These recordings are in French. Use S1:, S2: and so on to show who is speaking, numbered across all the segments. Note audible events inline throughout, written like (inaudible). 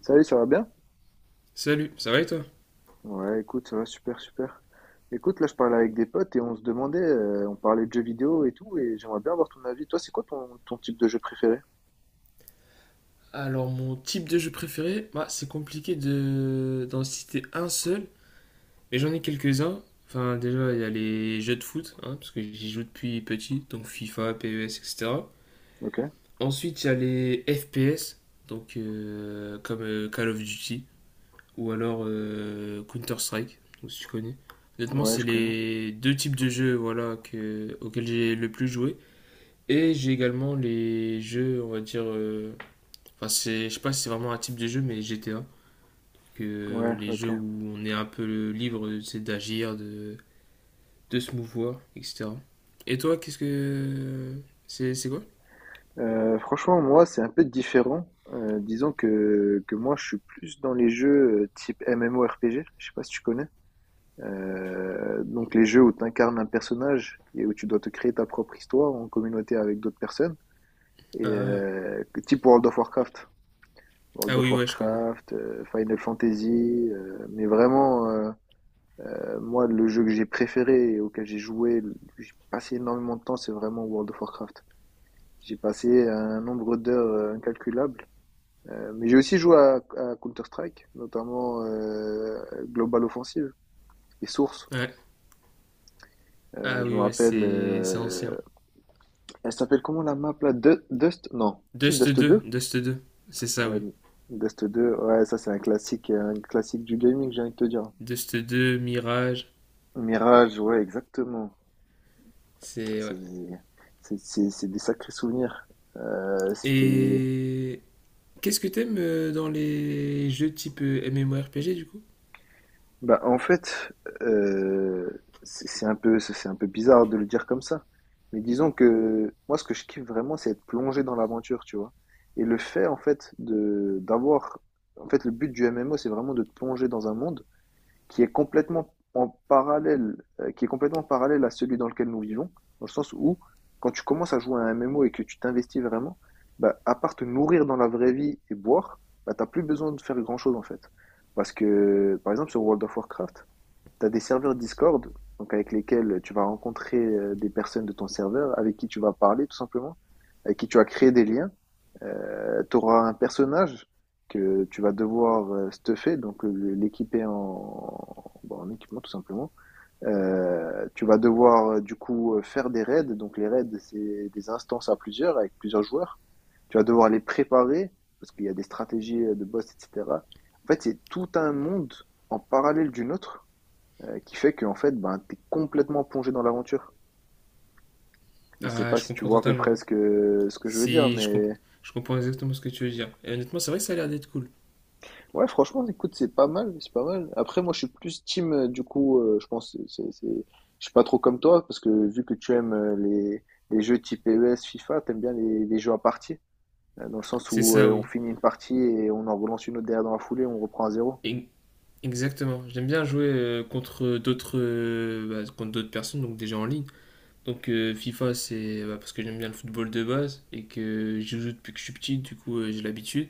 S1: Salut, ça va bien?
S2: Salut, ça va et toi?
S1: Ouais, écoute, ça va super, super. Écoute, là, je parlais avec des potes et on se demandait, on parlait de jeux vidéo et tout, et j'aimerais bien avoir ton avis. Toi, c'est quoi ton type de jeu préféré?
S2: Alors, mon type de jeu préféré, bah, c'est compliqué de d'en citer un seul, mais j'en ai quelques-uns. Enfin, déjà, il y a les jeux de foot, hein, parce que j'y joue depuis petit, donc FIFA, PES, etc.
S1: Ok,
S2: Ensuite, il y a les FPS, donc comme Call of Duty, ou alors Counter-Strike, donc, si tu connais. Honnêtement,
S1: ouais,
S2: c'est
S1: je connais.
S2: les deux types de jeux voilà, que, auxquels j'ai le plus joué. Et j'ai également les jeux, on va dire, enfin, c'est, je sais pas si c'est vraiment un type de jeu, mais GTA. Que
S1: Ouais,
S2: les jeux
S1: ok.
S2: où on est un peu libre, c'est d'agir, de se mouvoir, etc. Et toi, qu'est-ce que. C'est quoi?
S1: Franchement, moi, c'est un peu différent. Disons que, moi, je suis plus dans les jeux type MMORPG, je sais pas si tu connais. Donc les jeux où tu incarnes un personnage et où tu dois te créer ta propre histoire en communauté avec d'autres personnes, et
S2: Ah.
S1: type World of Warcraft. World
S2: Ah
S1: of
S2: oui, ouais, je connais.
S1: Warcraft, Final Fantasy, mais vraiment, moi, le jeu que j'ai préféré et auquel j'ai joué, j'ai passé énormément de temps, c'est vraiment World of Warcraft. J'ai passé un nombre d'heures incalculable. Mais j'ai aussi joué à Counter-Strike, notamment Global Offensive et Source.
S2: Ouais. Ah
S1: Je me
S2: oui, ouais,
S1: rappelle,
S2: c'est ancien.
S1: elle s'appelle comment la map là? Dust? Non, si
S2: Dust
S1: Dust
S2: deux.
S1: deux?
S2: Dust deux, c'est ça,
S1: Ouais,
S2: oui.
S1: Dust 2. Ouais, ça c'est un classique du gaming, j'ai envie de te dire.
S2: Dust deux, Mirage,
S1: Mirage, ouais, exactement.
S2: c'est. Ouais.
S1: C'est c'est des sacrés souvenirs. C'était
S2: Et. Qu'est-ce que t'aimes dans les jeux type MMORPG du coup?
S1: Bah en fait, euh, c'est un peu bizarre de le dire comme ça. Mais disons que moi ce que je kiffe vraiment c'est être plongé dans l'aventure, tu vois. Et le fait en fait de d'avoir En fait le but du MMO c'est vraiment de te plonger dans un monde qui est complètement en parallèle, qui est complètement parallèle à celui dans lequel nous vivons, dans le sens où quand tu commences à jouer à un MMO et que tu t'investis vraiment, bah, à part te nourrir dans la vraie vie et boire, bah, t'as plus besoin de faire grand-chose en fait. Parce que, par exemple, sur World of Warcraft, tu as des serveurs Discord, donc avec lesquels tu vas rencontrer des personnes de ton serveur, avec qui tu vas parler tout simplement, avec qui tu vas créer des liens. Tu auras un personnage que tu vas devoir stuffer, donc l'équiper en, bon, en équipement tout simplement. Tu vas devoir du coup faire des raids, donc les raids c'est des instances à plusieurs, avec plusieurs joueurs. Tu vas devoir les préparer, parce qu'il y a des stratégies de boss, etc. En fait, c'est tout un monde en parallèle d'une autre qui fait que en fait, ben, t'es complètement plongé dans l'aventure. Je sais
S2: Ah,
S1: pas
S2: je
S1: si tu
S2: comprends
S1: vois à peu
S2: totalement.
S1: près ce que je veux dire,
S2: Si je, comp-
S1: mais
S2: Je comprends exactement ce que tu veux dire. Et honnêtement, c'est vrai que ça a l'air d'être cool.
S1: ouais, franchement, écoute, c'est pas mal, c'est pas mal. Après, moi, je suis plus team, du coup, je pense, je suis pas trop comme toi, parce que vu que tu aimes les jeux type PES, FIFA, t'aimes bien les jeux à partie, dans le sens
S2: C'est
S1: où
S2: ça,
S1: on
S2: oui.
S1: finit une partie et on en relance une autre derrière dans la foulée, on reprend à zéro.
S2: E- Exactement. J'aime bien jouer contre d'autres bah, contre d'autres personnes, donc déjà en ligne. Donc FIFA, c'est bah, parce que j'aime bien le football de base et que j'y joue depuis que je suis petit, du coup j'ai l'habitude.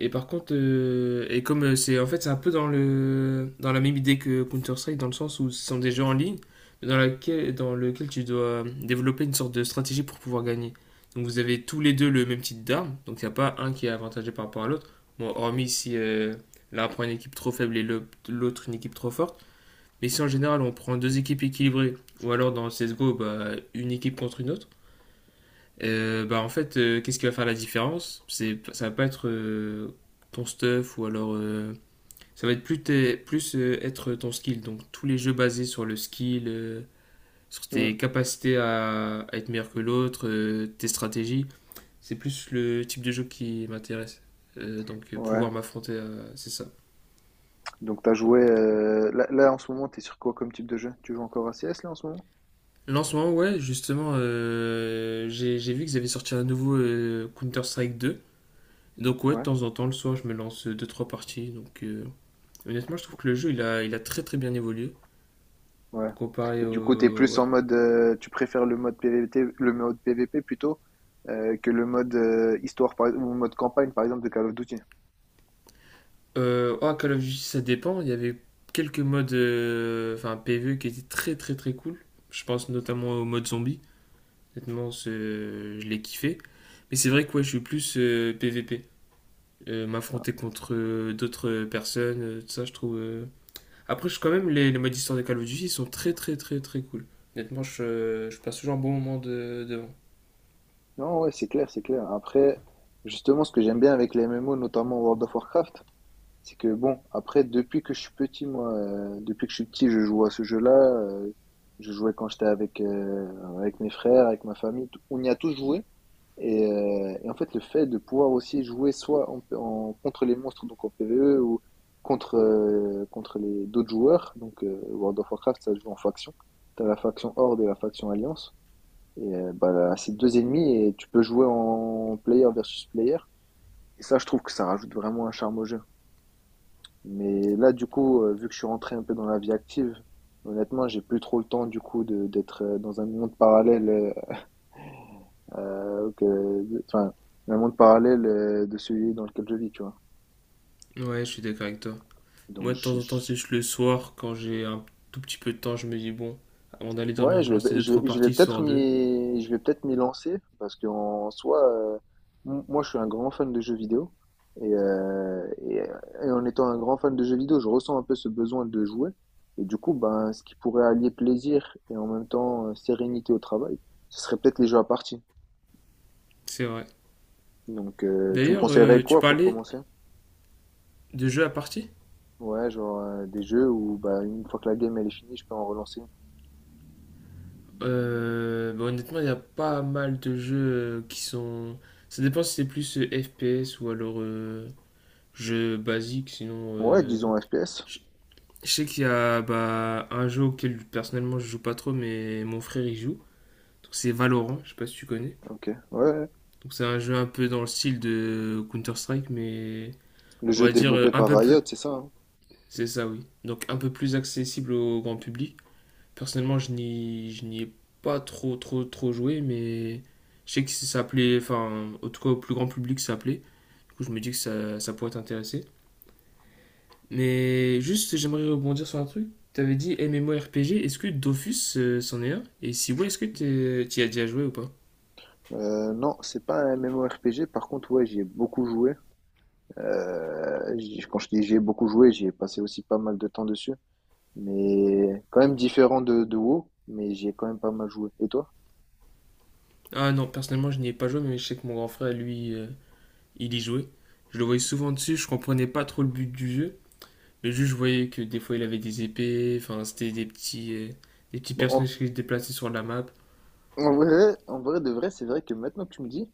S2: Et par contre, et comme c'est en fait c'est un peu dans le dans la même idée que Counter Strike dans le sens où ce sont des jeux en ligne, mais dans lequel tu dois développer une sorte de stratégie pour pouvoir gagner. Donc vous avez tous les deux le même type d'armes, donc il n'y a pas un qui est avantagé par rapport à l'autre. Bon, hormis si l'un prend une équipe trop faible et l'autre une équipe trop forte. Mais si en général on prend deux équipes équilibrées, ou alors dans CSGO, bah, une équipe contre une autre, bah en fait, qu'est-ce qui va faire la différence? C'est, ça va pas être ton stuff ou alors ça va être plus, plus être ton skill. Donc tous les jeux basés sur le skill, sur
S1: Hmm,
S2: tes capacités à être meilleur que l'autre, tes stratégies, c'est plus le type de jeu qui m'intéresse. Euh, donc euh,
S1: ouais.
S2: pouvoir m'affronter, c'est ça.
S1: Donc, t'as joué, là, en ce moment, t'es sur quoi comme type de jeu? Tu joues encore à CS là, en ce moment?
S2: Là en ce moment, ouais, justement, j'ai vu qu'ils avaient sorti un nouveau Counter-Strike deux. Donc ouais, de temps en temps, le soir, je me lance deux trois parties. Honnêtement, je trouve que le jeu, il a très très bien évolué
S1: Ouais.
S2: comparé
S1: Et du coup, t'es
S2: au.
S1: plus
S2: Ouais.
S1: en mode, tu préfères le mode PVT, le mode PVP plutôt que le mode histoire par, ou mode campagne par exemple de Call of Duty.
S2: Oh, Call of Duty, ça dépend. Il y avait quelques modes, enfin PvE, qui étaient très très très cool. Je pense notamment au mode zombie. Honnêtement, je l'ai kiffé. Mais c'est vrai que ouais, je suis plus PvP. M'affronter contre d'autres personnes, tout ça, je trouve. Après, quand même, les modes histoire de Call of Duty, ils sont très très très très cool. Honnêtement, je passe toujours un bon moment de, devant.
S1: Non, ouais, c'est clair, c'est clair. Après, justement, ce que j'aime bien avec les MMO, notamment World of Warcraft, c'est que bon, après, depuis que je suis petit, moi, depuis que je suis petit, je joue à ce jeu-là. Je jouais quand j'étais avec mes frères, avec ma famille. On y a tous joué. Et en fait, le fait de pouvoir aussi jouer soit contre les monstres, donc en PvE, ou contre les d'autres joueurs, donc World of Warcraft, ça se joue en faction. Tu as la faction Horde et la faction Alliance. Et bah, là, c'est deux ennemis et tu peux jouer en player versus player. Et ça, je trouve que ça rajoute vraiment un charme au jeu. Mais là, du coup, vu que je suis rentré un peu dans la vie active, honnêtement, j'ai plus trop le temps, du coup, d'être dans un monde parallèle euh, que, enfin, de celui dans lequel je vis, tu vois.
S2: Ouais, je suis d'accord avec toi.
S1: Donc,
S2: Moi, de temps
S1: je,
S2: en temps, c'est
S1: je-
S2: juste le soir, quand j'ai un tout petit peu de temps, je me dis, bon, avant d'aller dormir,
S1: ouais,
S2: je vais lancer 2-3 parties, histoire de.
S1: je vais peut-être m'y lancer parce qu'en soi, moi, je suis un grand fan de jeux vidéo et en étant un grand fan de jeux vidéo, je ressens un peu ce besoin de jouer et du coup, ben, ce qui pourrait allier plaisir et en même temps sérénité au travail, ce serait peut-être les jeux à partie.
S2: C'est vrai.
S1: Donc, tu me
S2: D'ailleurs,
S1: conseillerais
S2: tu
S1: quoi pour
S2: parlais
S1: commencer?
S2: de jeux à partie.
S1: Ouais, genre des jeux où bah, une fois que la game elle est finie, je peux en relancer une.
S2: Bah, honnêtement, il y a pas mal de jeux qui sont. Ça dépend si c'est plus FPS ou alors jeu basique, sinon.
S1: Ouais,
S2: euh,
S1: disons FPS.
S2: Je je sais qu'il y a bah, un jeu auquel personnellement je joue pas trop, mais mon frère y joue. Donc c'est Valorant, je sais pas si tu connais.
S1: Ok, ouais. Ouais.
S2: Donc c'est un jeu un peu dans le style de Counter-Strike, mais
S1: Le
S2: on
S1: jeu
S2: va dire,
S1: développé
S2: un
S1: par
S2: peu
S1: Riot,
S2: plus.
S1: c'est ça. Hein.
S2: C'est ça, oui. Donc un peu plus accessible au grand public. Personnellement, je n'y ai pas trop, trop, trop joué, mais je sais que ça plaît, enfin, en tout cas au plus grand public, ça plaît. Du coup, je me dis que ça pourrait t'intéresser. Mais juste, j'aimerais rebondir sur un truc. T'avais dit MMORPG, est-ce que Dofus c'en est un? Et si oui, est-ce que tu t'y as déjà joué ou pas?
S1: Non, c'est pas un MMORPG. Par contre, ouais, j'y ai beaucoup joué. Quand je dis j'y ai beaucoup joué, j'y ai passé aussi pas mal de temps dessus. Mais quand même différent de WoW, mais j'y ai quand même pas mal joué. Et toi?
S2: Ah non, personnellement, je n'y ai pas joué, mais je sais que mon grand frère, lui, il y jouait. Je le voyais souvent dessus, je comprenais pas trop le but du jeu. Le juge voyait que des fois il avait des épées, enfin c'était des petits
S1: Bon,
S2: personnages
S1: en,
S2: qui se déplaçaient sur la map.
S1: en vrai, en vrai de vrai, c'est vrai que maintenant que tu me dis,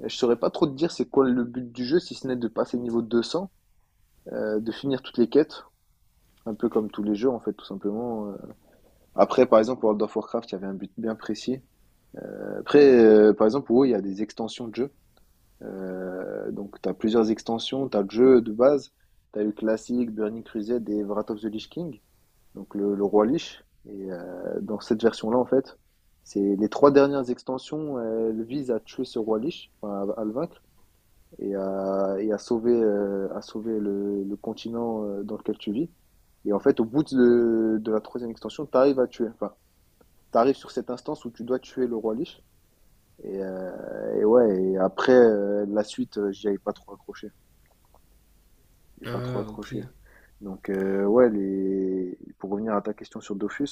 S1: je saurais pas trop te dire c'est quoi le but du jeu, si ce n'est de passer niveau 200, de finir toutes les quêtes. Un peu comme tous les jeux, en fait, tout simplement. Après, par exemple, World of Warcraft, il y avait un but bien précis. Après, par exemple, WoW, il y a des extensions de jeux. Donc, tu as plusieurs extensions. Tu as le jeu de base. Tu as eu Classic, Burning Crusade et Wrath of the Lich King, donc le Roi Lich. Et dans cette version-là, en fait, c'est les trois dernières extensions, elles visent à tuer ce Roi Lich, enfin, à le vaincre et à sauver le continent dans lequel tu vis. Et en fait, au bout de la troisième extension, tu arrives à tuer. Enfin, tu arrives sur cette instance où tu dois tuer le roi Lich. Et ouais, et après, la suite, j'y avais pas trop accroché. J'ai pas trop
S2: Ah
S1: accroché.
S2: ok,
S1: Donc, ouais, pour revenir à ta question sur Dofus,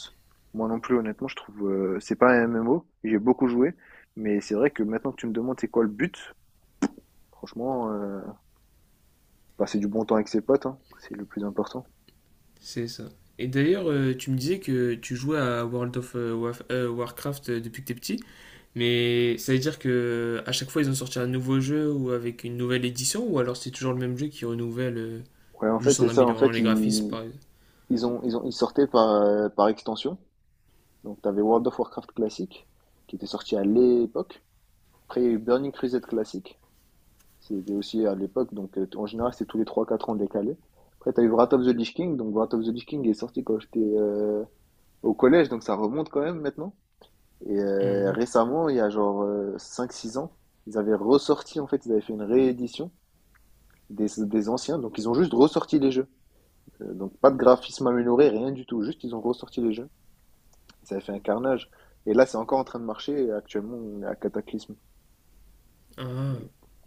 S1: moi non plus, honnêtement, je trouve c'est pas un MMO. J'ai beaucoup joué, mais c'est vrai que maintenant que tu me demandes c'est quoi le but, franchement, passer du bon temps avec ses potes, hein, c'est le plus important.
S2: c'est ça. Et d'ailleurs, tu me disais que tu jouais à World of Warcraft depuis que t'es petit, mais ça veut dire que à chaque fois ils ont sorti un nouveau jeu ou avec une nouvelle édition, ou alors c'est toujours le même jeu qui renouvelle
S1: Ouais, en fait,
S2: juste en
S1: c'est ça. En
S2: améliorant
S1: fait,
S2: les graphismes par exemple.
S1: ils sortaient par extension. Donc, tu avais World of Warcraft classique, qui était sorti à l'époque. Après, il y a eu Burning Crusade classique. C'était aussi à l'époque. Donc, en général, c'est tous les 3-4 ans décalé. Après, tu as eu Wrath of the Lich King. Donc, Wrath of the Lich King est sorti quand j'étais au collège. Donc, ça remonte quand même maintenant. Et
S2: Mhm.
S1: récemment, il y a genre 5-6 ans, ils avaient ressorti, en fait, ils avaient fait une réédition des anciens. Donc, ils ont juste ressorti les jeux. Donc pas de graphisme amélioré, rien du tout. Juste, ils ont ressorti les jeux. Ça a fait un carnage. Et là, c'est encore en train de marcher. Et actuellement, on est à Cataclysme.
S2: Ah.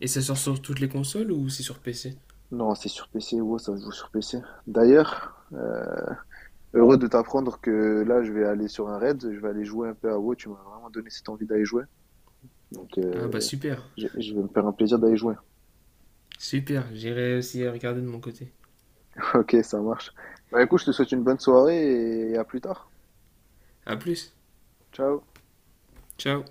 S2: Et ça sort sur toutes les consoles ou c'est sur PC?
S1: Non, c'est sur PC. WoW, ça se joue sur PC. D'ailleurs, heureux de t'apprendre que là, je vais aller sur un raid. Je vais aller jouer un peu à WoW. Tu m'as vraiment donné cette envie d'aller jouer. Donc,
S2: Ah bah super,
S1: je vais me faire un plaisir d'aller jouer.
S2: super, j'irai aussi regarder de mon côté.
S1: (laughs) Ok, ça marche. Bah écoute, je te souhaite une bonne soirée et à plus tard.
S2: À plus.
S1: Ciao.
S2: Ciao.